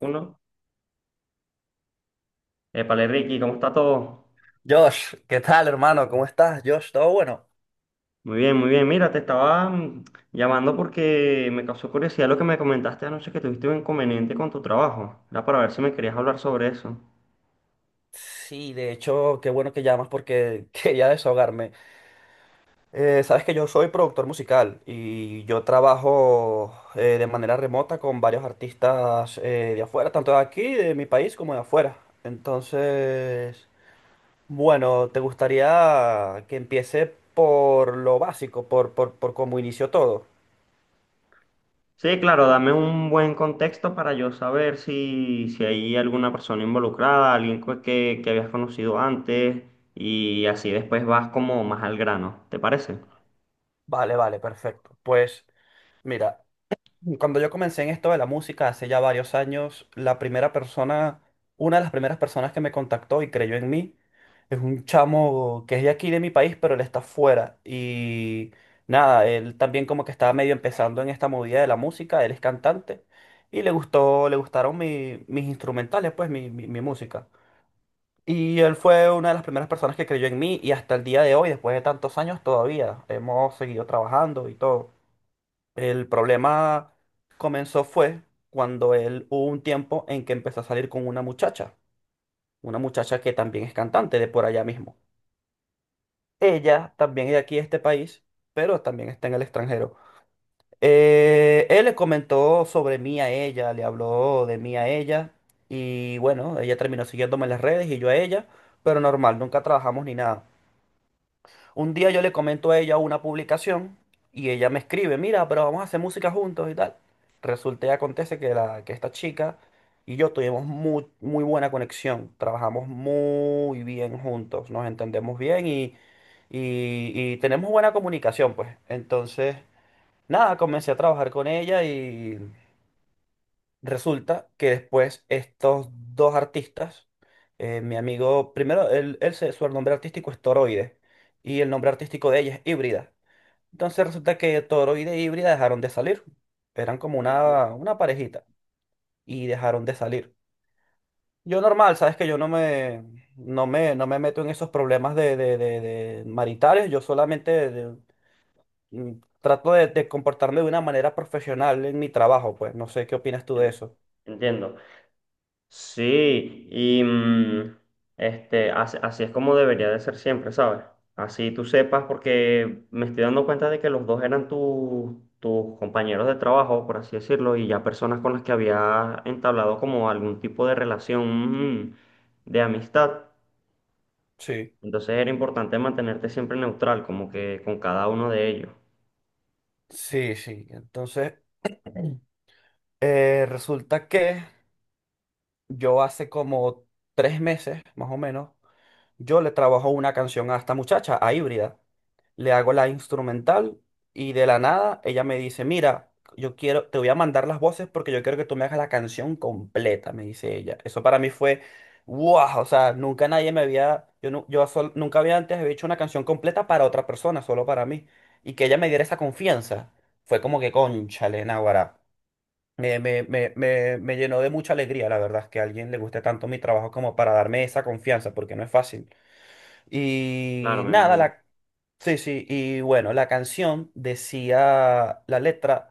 Uno. Épale, Ricky, ¿cómo está todo? Josh, ¿qué tal, hermano? ¿Cómo estás, Josh? ¿Todo bueno? Muy bien, muy bien. Mira, te estaba llamando porque me causó curiosidad lo que me comentaste anoche que tuviste un inconveniente con tu trabajo. Era para ver si me querías hablar sobre eso. Sí, de hecho, qué bueno que llamas porque quería desahogarme. Sabes que yo soy productor musical y yo trabajo de manera remota con varios artistas de afuera, tanto de aquí, de mi país, como de afuera. Entonces, bueno, ¿te gustaría que empiece por lo básico, por cómo inició todo? Sí, claro, dame un buen contexto para yo saber si hay alguna persona involucrada, que habías conocido antes, y así después vas como más al grano. ¿Te parece? Vale, vale, perfecto. Pues, mira, cuando yo comencé en esto de la música hace ya varios años, la primera persona, una de las primeras personas que me contactó y creyó en mí, es un chamo que es de aquí de mi país, pero él está fuera. Y nada, él también como que estaba medio empezando en esta movida de la música, él es cantante y le gustaron mis instrumentales, pues mi música. Y él fue una de las primeras personas que creyó en mí y hasta el día de hoy, después de tantos años, todavía hemos seguido trabajando y todo. El problema comenzó fue cuando él hubo un tiempo en que empezó a salir con una muchacha que también es cantante de por allá mismo. Ella también es de aquí, de este país, pero también está en el extranjero. Él le comentó sobre mí a ella, le habló de mí a ella y bueno, ella terminó siguiéndome en las redes y yo a ella, pero normal, nunca trabajamos ni nada. Un día yo le comento a ella una publicación y ella me escribe, mira, pero vamos a hacer música juntos y tal. Resulta y acontece que, la, que esta chica y yo tuvimos muy, muy buena conexión, trabajamos muy bien juntos, nos entendemos bien y, y tenemos buena comunicación, pues. Entonces, nada, comencé a trabajar con ella y resulta que después estos dos artistas, mi amigo, primero, su nombre artístico es Toroide y el nombre artístico de ella es Híbrida. Entonces resulta que Toroide e Híbrida dejaron de salir. Eran como Ok. Una parejita y dejaron de salir. Yo normal, sabes que yo no me meto en esos problemas de, de maritales, yo solamente mm, trato de comportarme de una manera profesional en mi trabajo, pues no sé qué opinas tú de En- eso. Entiendo. Sí, y este, así es como debería de ser siempre, ¿sabes? Así tú sepas, porque me estoy dando cuenta de que los dos eran tus compañeros de trabajo, por así decirlo, y ya personas con las que había entablado como algún tipo de relación de amistad. Sí. Entonces era importante mantenerte siempre neutral, como que con cada uno de ellos. Sí, sí. Entonces, resulta que yo hace como 3 meses, más o menos, yo le trabajo una canción a esta muchacha, a Híbrida. Le hago la instrumental y de la nada ella me dice, mira, yo quiero, te voy a mandar las voces porque yo quiero que tú me hagas la canción completa, me dice ella. Eso para mí fue, wow, o sea, nunca nadie me había, yo, nu- yo sol- nunca había antes había hecho una canción completa para otra persona, solo para mí. Y que ella me diera esa confianza, fue como que cónchale, náguara. Me llenó de mucha alegría, la verdad, que a alguien le guste tanto mi trabajo como para darme esa confianza, porque no es fácil. Claro, Y me nada, imagino. la. Sí, sí, y bueno, la canción decía la letra,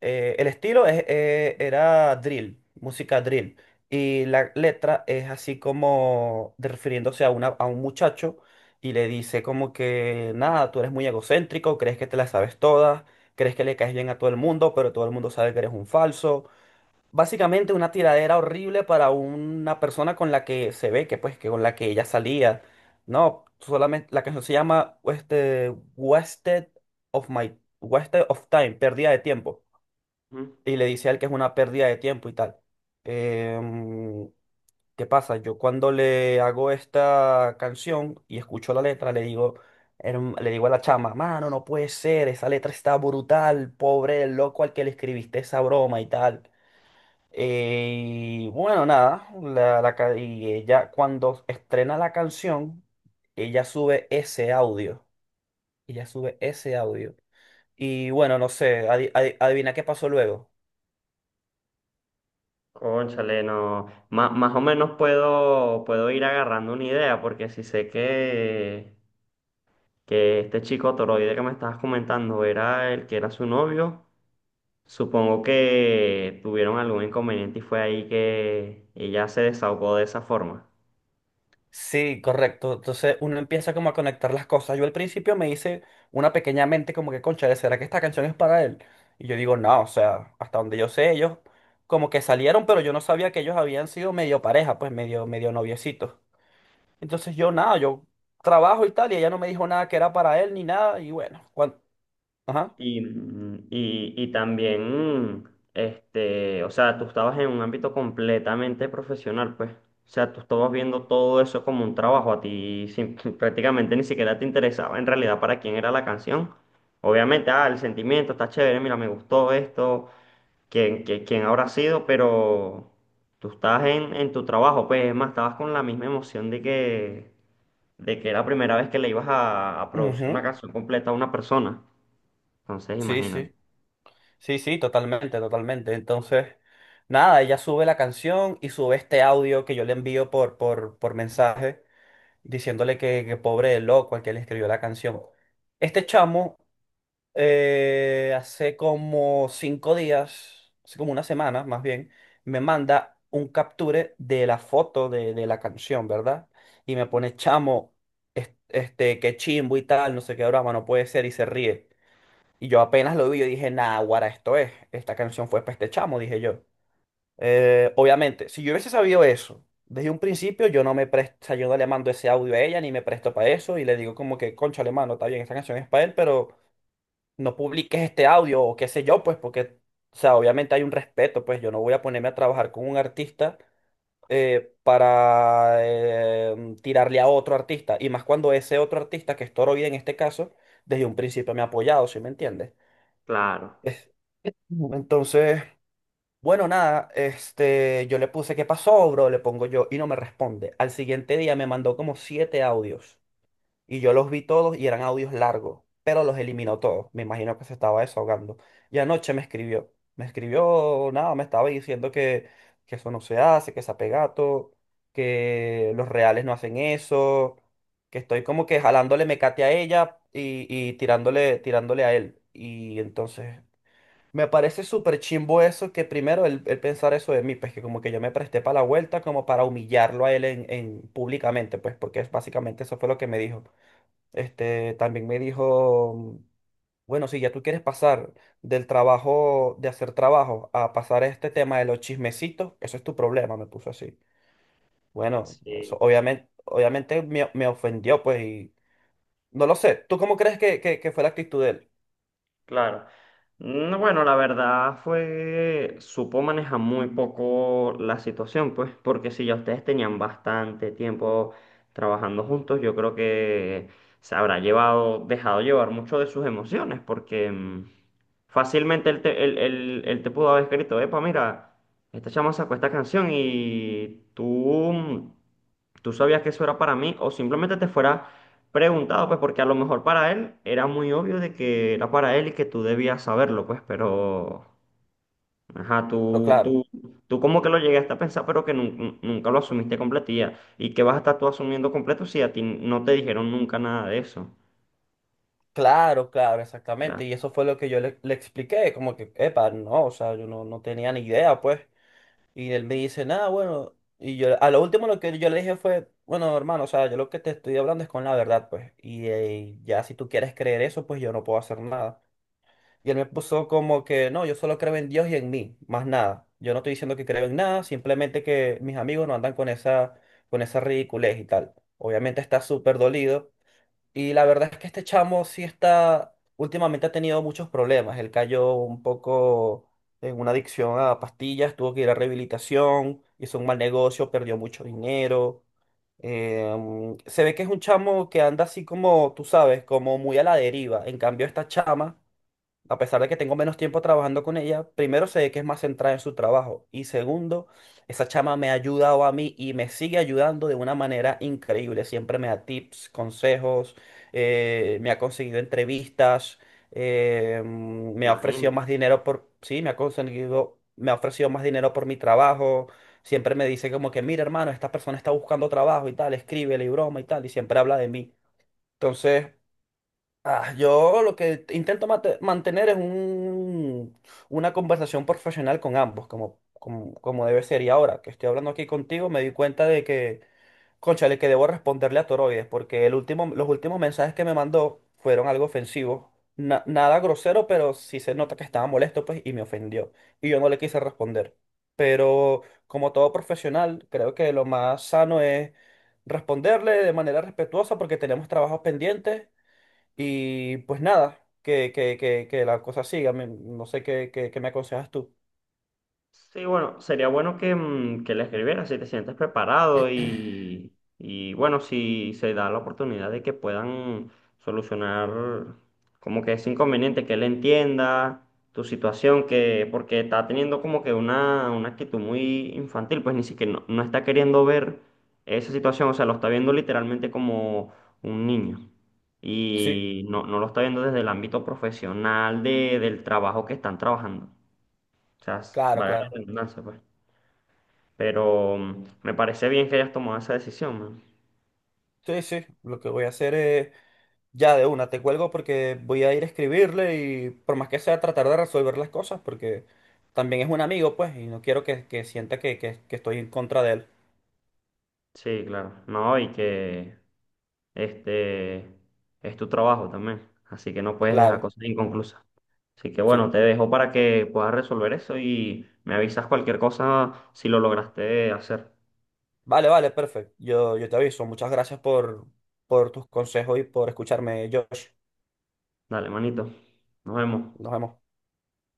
era drill, música drill, y la letra es así como de- refiriéndose a un muchacho y le dice como que, nada, tú eres muy egocéntrico, crees que te la sabes todas, crees que le caes bien a todo el mundo, pero todo el mundo sabe que eres un falso. Básicamente una tiradera horrible para una persona con la que se ve que pues que con la que ella salía. No, solamente la canción se llama Wasted of My Wasted of Time, pérdida de tiempo. Ujú. Y le dice a él que es una pérdida de tiempo y tal. Em, ¿Qué pasa? Yo cuando le hago esta canción y escucho la letra, le digo a la chama, mano, no puede ser, esa letra está brutal, pobre el loco al que le escribiste esa broma y tal. Y bueno, nada, y ella cuando estrena la canción, ella sube ese audio, ella sube ese audio. Y bueno, no sé, adivina qué pasó luego. Cónchale, no. Más o menos puedo, puedo ir agarrando una idea, porque si sé que este chico Toroide que me estabas comentando era el que era su novio. Supongo que tuvieron algún inconveniente y fue ahí que ella se desahogó de esa forma. Sí, correcto. Entonces uno empieza como a conectar las cosas. Yo al principio me hice una pequeña mente como que, concha, ¿será que esta canción es para él? Y yo digo, no, o sea, hasta donde yo sé, ellos como que salieron, pero yo no sabía que ellos habían sido medio pareja, pues medio, medio noviecitos. Entonces yo nada, yo trabajo y tal, y ella no me dijo nada que era para él ni nada, y bueno, cuando... Ajá. Y, y también, este, o sea, tú estabas en un ámbito completamente profesional, pues. O sea, tú estabas viendo todo eso como un trabajo, a ti prácticamente ni siquiera te interesaba en realidad para quién era la canción. Obviamente, ah, el sentimiento está chévere, mira, me gustó esto quién, quién habrá sido, pero tú estabas en tu trabajo, pues es más, estabas con la misma emoción de que era la primera vez que le ibas a producir una Ujú. canción completa a una persona. Entonces, Sí, imagínate. sí, sí, sí, totalmente, totalmente. Entonces, nada, ella sube la canción y sube este audio que yo le envío por mensaje, diciéndole que pobre de loco al que le escribió la canción. Este chamo hace como 5 días, hace como una semana más bien, me manda un capture de la foto de la canción, ¿verdad? Y me pone, chamo, qué chimbo y tal, no sé qué broma, no puede ser, y se ríe. Y yo apenas lo vi, yo dije, nah, guara, esto es, esta canción fue para este chamo, dije yo. Obviamente, si yo hubiese sabido eso desde un principio, yo no me presto, o sea, yo no le mando ese audio a ella, ni me presto para eso, y le digo como que, concha, mano, está bien, esta canción es para él, pero no publiques este audio o qué sé yo, pues porque, o sea, obviamente hay un respeto, pues yo no voy a ponerme a trabajar con un artista para tirarle a otro artista, y más cuando ese otro artista, que es Toro Vida en este caso, desde un principio me ha apoyado, ¿sí me entiendes? Claro, Es- Entonces, bueno, nada, este, yo le puse, ¿qué pasó, bro? Le pongo yo y no me responde. Al siguiente día me mandó como siete audios. Y yo los vi todos y eran audios largos, pero los eliminó todos. Me imagino que se estaba desahogando. Y anoche me escribió. Me escribió, nada, me estaba diciendo que eso no se hace, que es apegato, que los reales no hacen eso, que estoy como que jalándole mecate a ella y tirándole a él. Y entonces me parece súper chimbo eso, que primero él pensar eso de mí, pues que como que yo me presté para la vuelta como para humillarlo a él en públicamente, pues porque básicamente eso fue lo que me dijo. También me dijo, bueno, si ya tú quieres pasar del trabajo, de hacer trabajo, a pasar a este tema de los chismecitos, eso es tu problema, me puso así. Bueno, eso sí. obviamente, obviamente me, me ofendió, pues, y no lo sé. ¿Tú cómo crees que, que fue la actitud de él? Claro. No, bueno, la verdad fue, supo manejar muy poco la situación, pues, porque si ya ustedes tenían bastante tiempo trabajando juntos, yo creo que se habrá llevado, dejado llevar mucho de sus emociones, porque fácilmente él te pudo haber escrito, epa, mira, esta chama sacó esta canción y tú, tú sabías que eso era para mí, o simplemente te fuera preguntado, pues, porque a lo mejor para él era muy obvio de que era para él y que tú debías saberlo, pues, pero, ajá, Pero claro, tú como que lo llegaste a pensar, pero que nunca lo asumiste completía. ¿Y que vas a estar tú asumiendo completo si a ti no te dijeron nunca nada de eso? claro, claro, O sea, exactamente. Y eso fue lo que yo le, le expliqué, como que, epa, no, o sea, yo no, no tenía ni idea, pues. Y él me dice, nada, bueno. Y yo, a lo último lo que yo le dije fue, bueno, hermano, o sea, yo lo que te estoy hablando es con la verdad, pues. Y, ya si tú quieres creer eso, pues yo no puedo hacer nada. Y él me puso como que, no, yo solo creo en Dios y en mí, más nada. Yo no estoy diciendo que creo en nada, simplemente que mis amigos no andan con esa ridiculez y tal. Obviamente está súper dolido y la verdad es que este chamo sí está, últimamente ha tenido muchos problemas. Él cayó un poco en una adicción a pastillas, tuvo que ir a rehabilitación, hizo un mal negocio, perdió mucho dinero. Se ve que es un chamo que anda así como, tú sabes, como muy a la deriva. En cambio, esta chama a pesar de que tengo menos tiempo trabajando con ella, primero sé que es más centrada en su trabajo y segundo, esa chama me ha ayudado a mí y me sigue ayudando de una manera increíble. Siempre me da tips, consejos, me ha conseguido entrevistas, me ha ofrecido imagínate. más dinero por, sí, me ha conseguido, me ha ofrecido más dinero por mi trabajo. Siempre me dice como que, mira, hermano, esta persona está buscando trabajo y tal, escríbele y broma y tal, y siempre habla de mí. Entonces, ah, yo lo que intento mantener es un, una conversación profesional con ambos, como debe ser. Y ahora que estoy hablando aquí contigo, me di cuenta de que, cónchale, que debo responderle a Toroides, porque el último, los últimos mensajes que me mandó fueron algo ofensivos. Nada grosero, pero sí se nota que estaba molesto, pues, y me ofendió. Y yo no le quise responder. Pero como todo profesional, creo que lo más sano es responderle de manera respetuosa porque tenemos trabajos pendientes y pues nada, que la cosa siga. No sé qué me aconsejas tú. Sí, bueno, sería bueno que, que le escribieras si te sientes preparado y bueno, si se da la oportunidad de que puedan solucionar como que ese inconveniente, que él entienda tu situación, que porque está teniendo como que una actitud muy infantil, pues ni siquiera no, no está queriendo ver esa situación, o sea, lo está viendo literalmente como un niño. Sí, Y no, no lo está viendo desde el ámbito profesional de, del trabajo que están trabajando. O sea, claro, vale la claro. redundancia, pues. Pero me parece bien que hayas tomado esa decisión, man. Sí, sí. Lo que voy a hacer es ya de una, te cuelgo porque voy a ir a escribirle y por más que sea tratar de resolver las cosas porque también es un amigo, pues, y no quiero que sienta que estoy en contra de él. Sí, claro. No, y que este es tu trabajo también. Así que no puedes dejar Claro, cosas inconclusas. Así que bueno, sí. te dejo para que puedas resolver eso y me avisas cualquier cosa si lo lograste hacer. Vale, vale, perfecto. Yo te aviso. Muchas gracias por tus consejos y por escucharme, Josh. Dale, manito. Nos vemos. Nos vemos.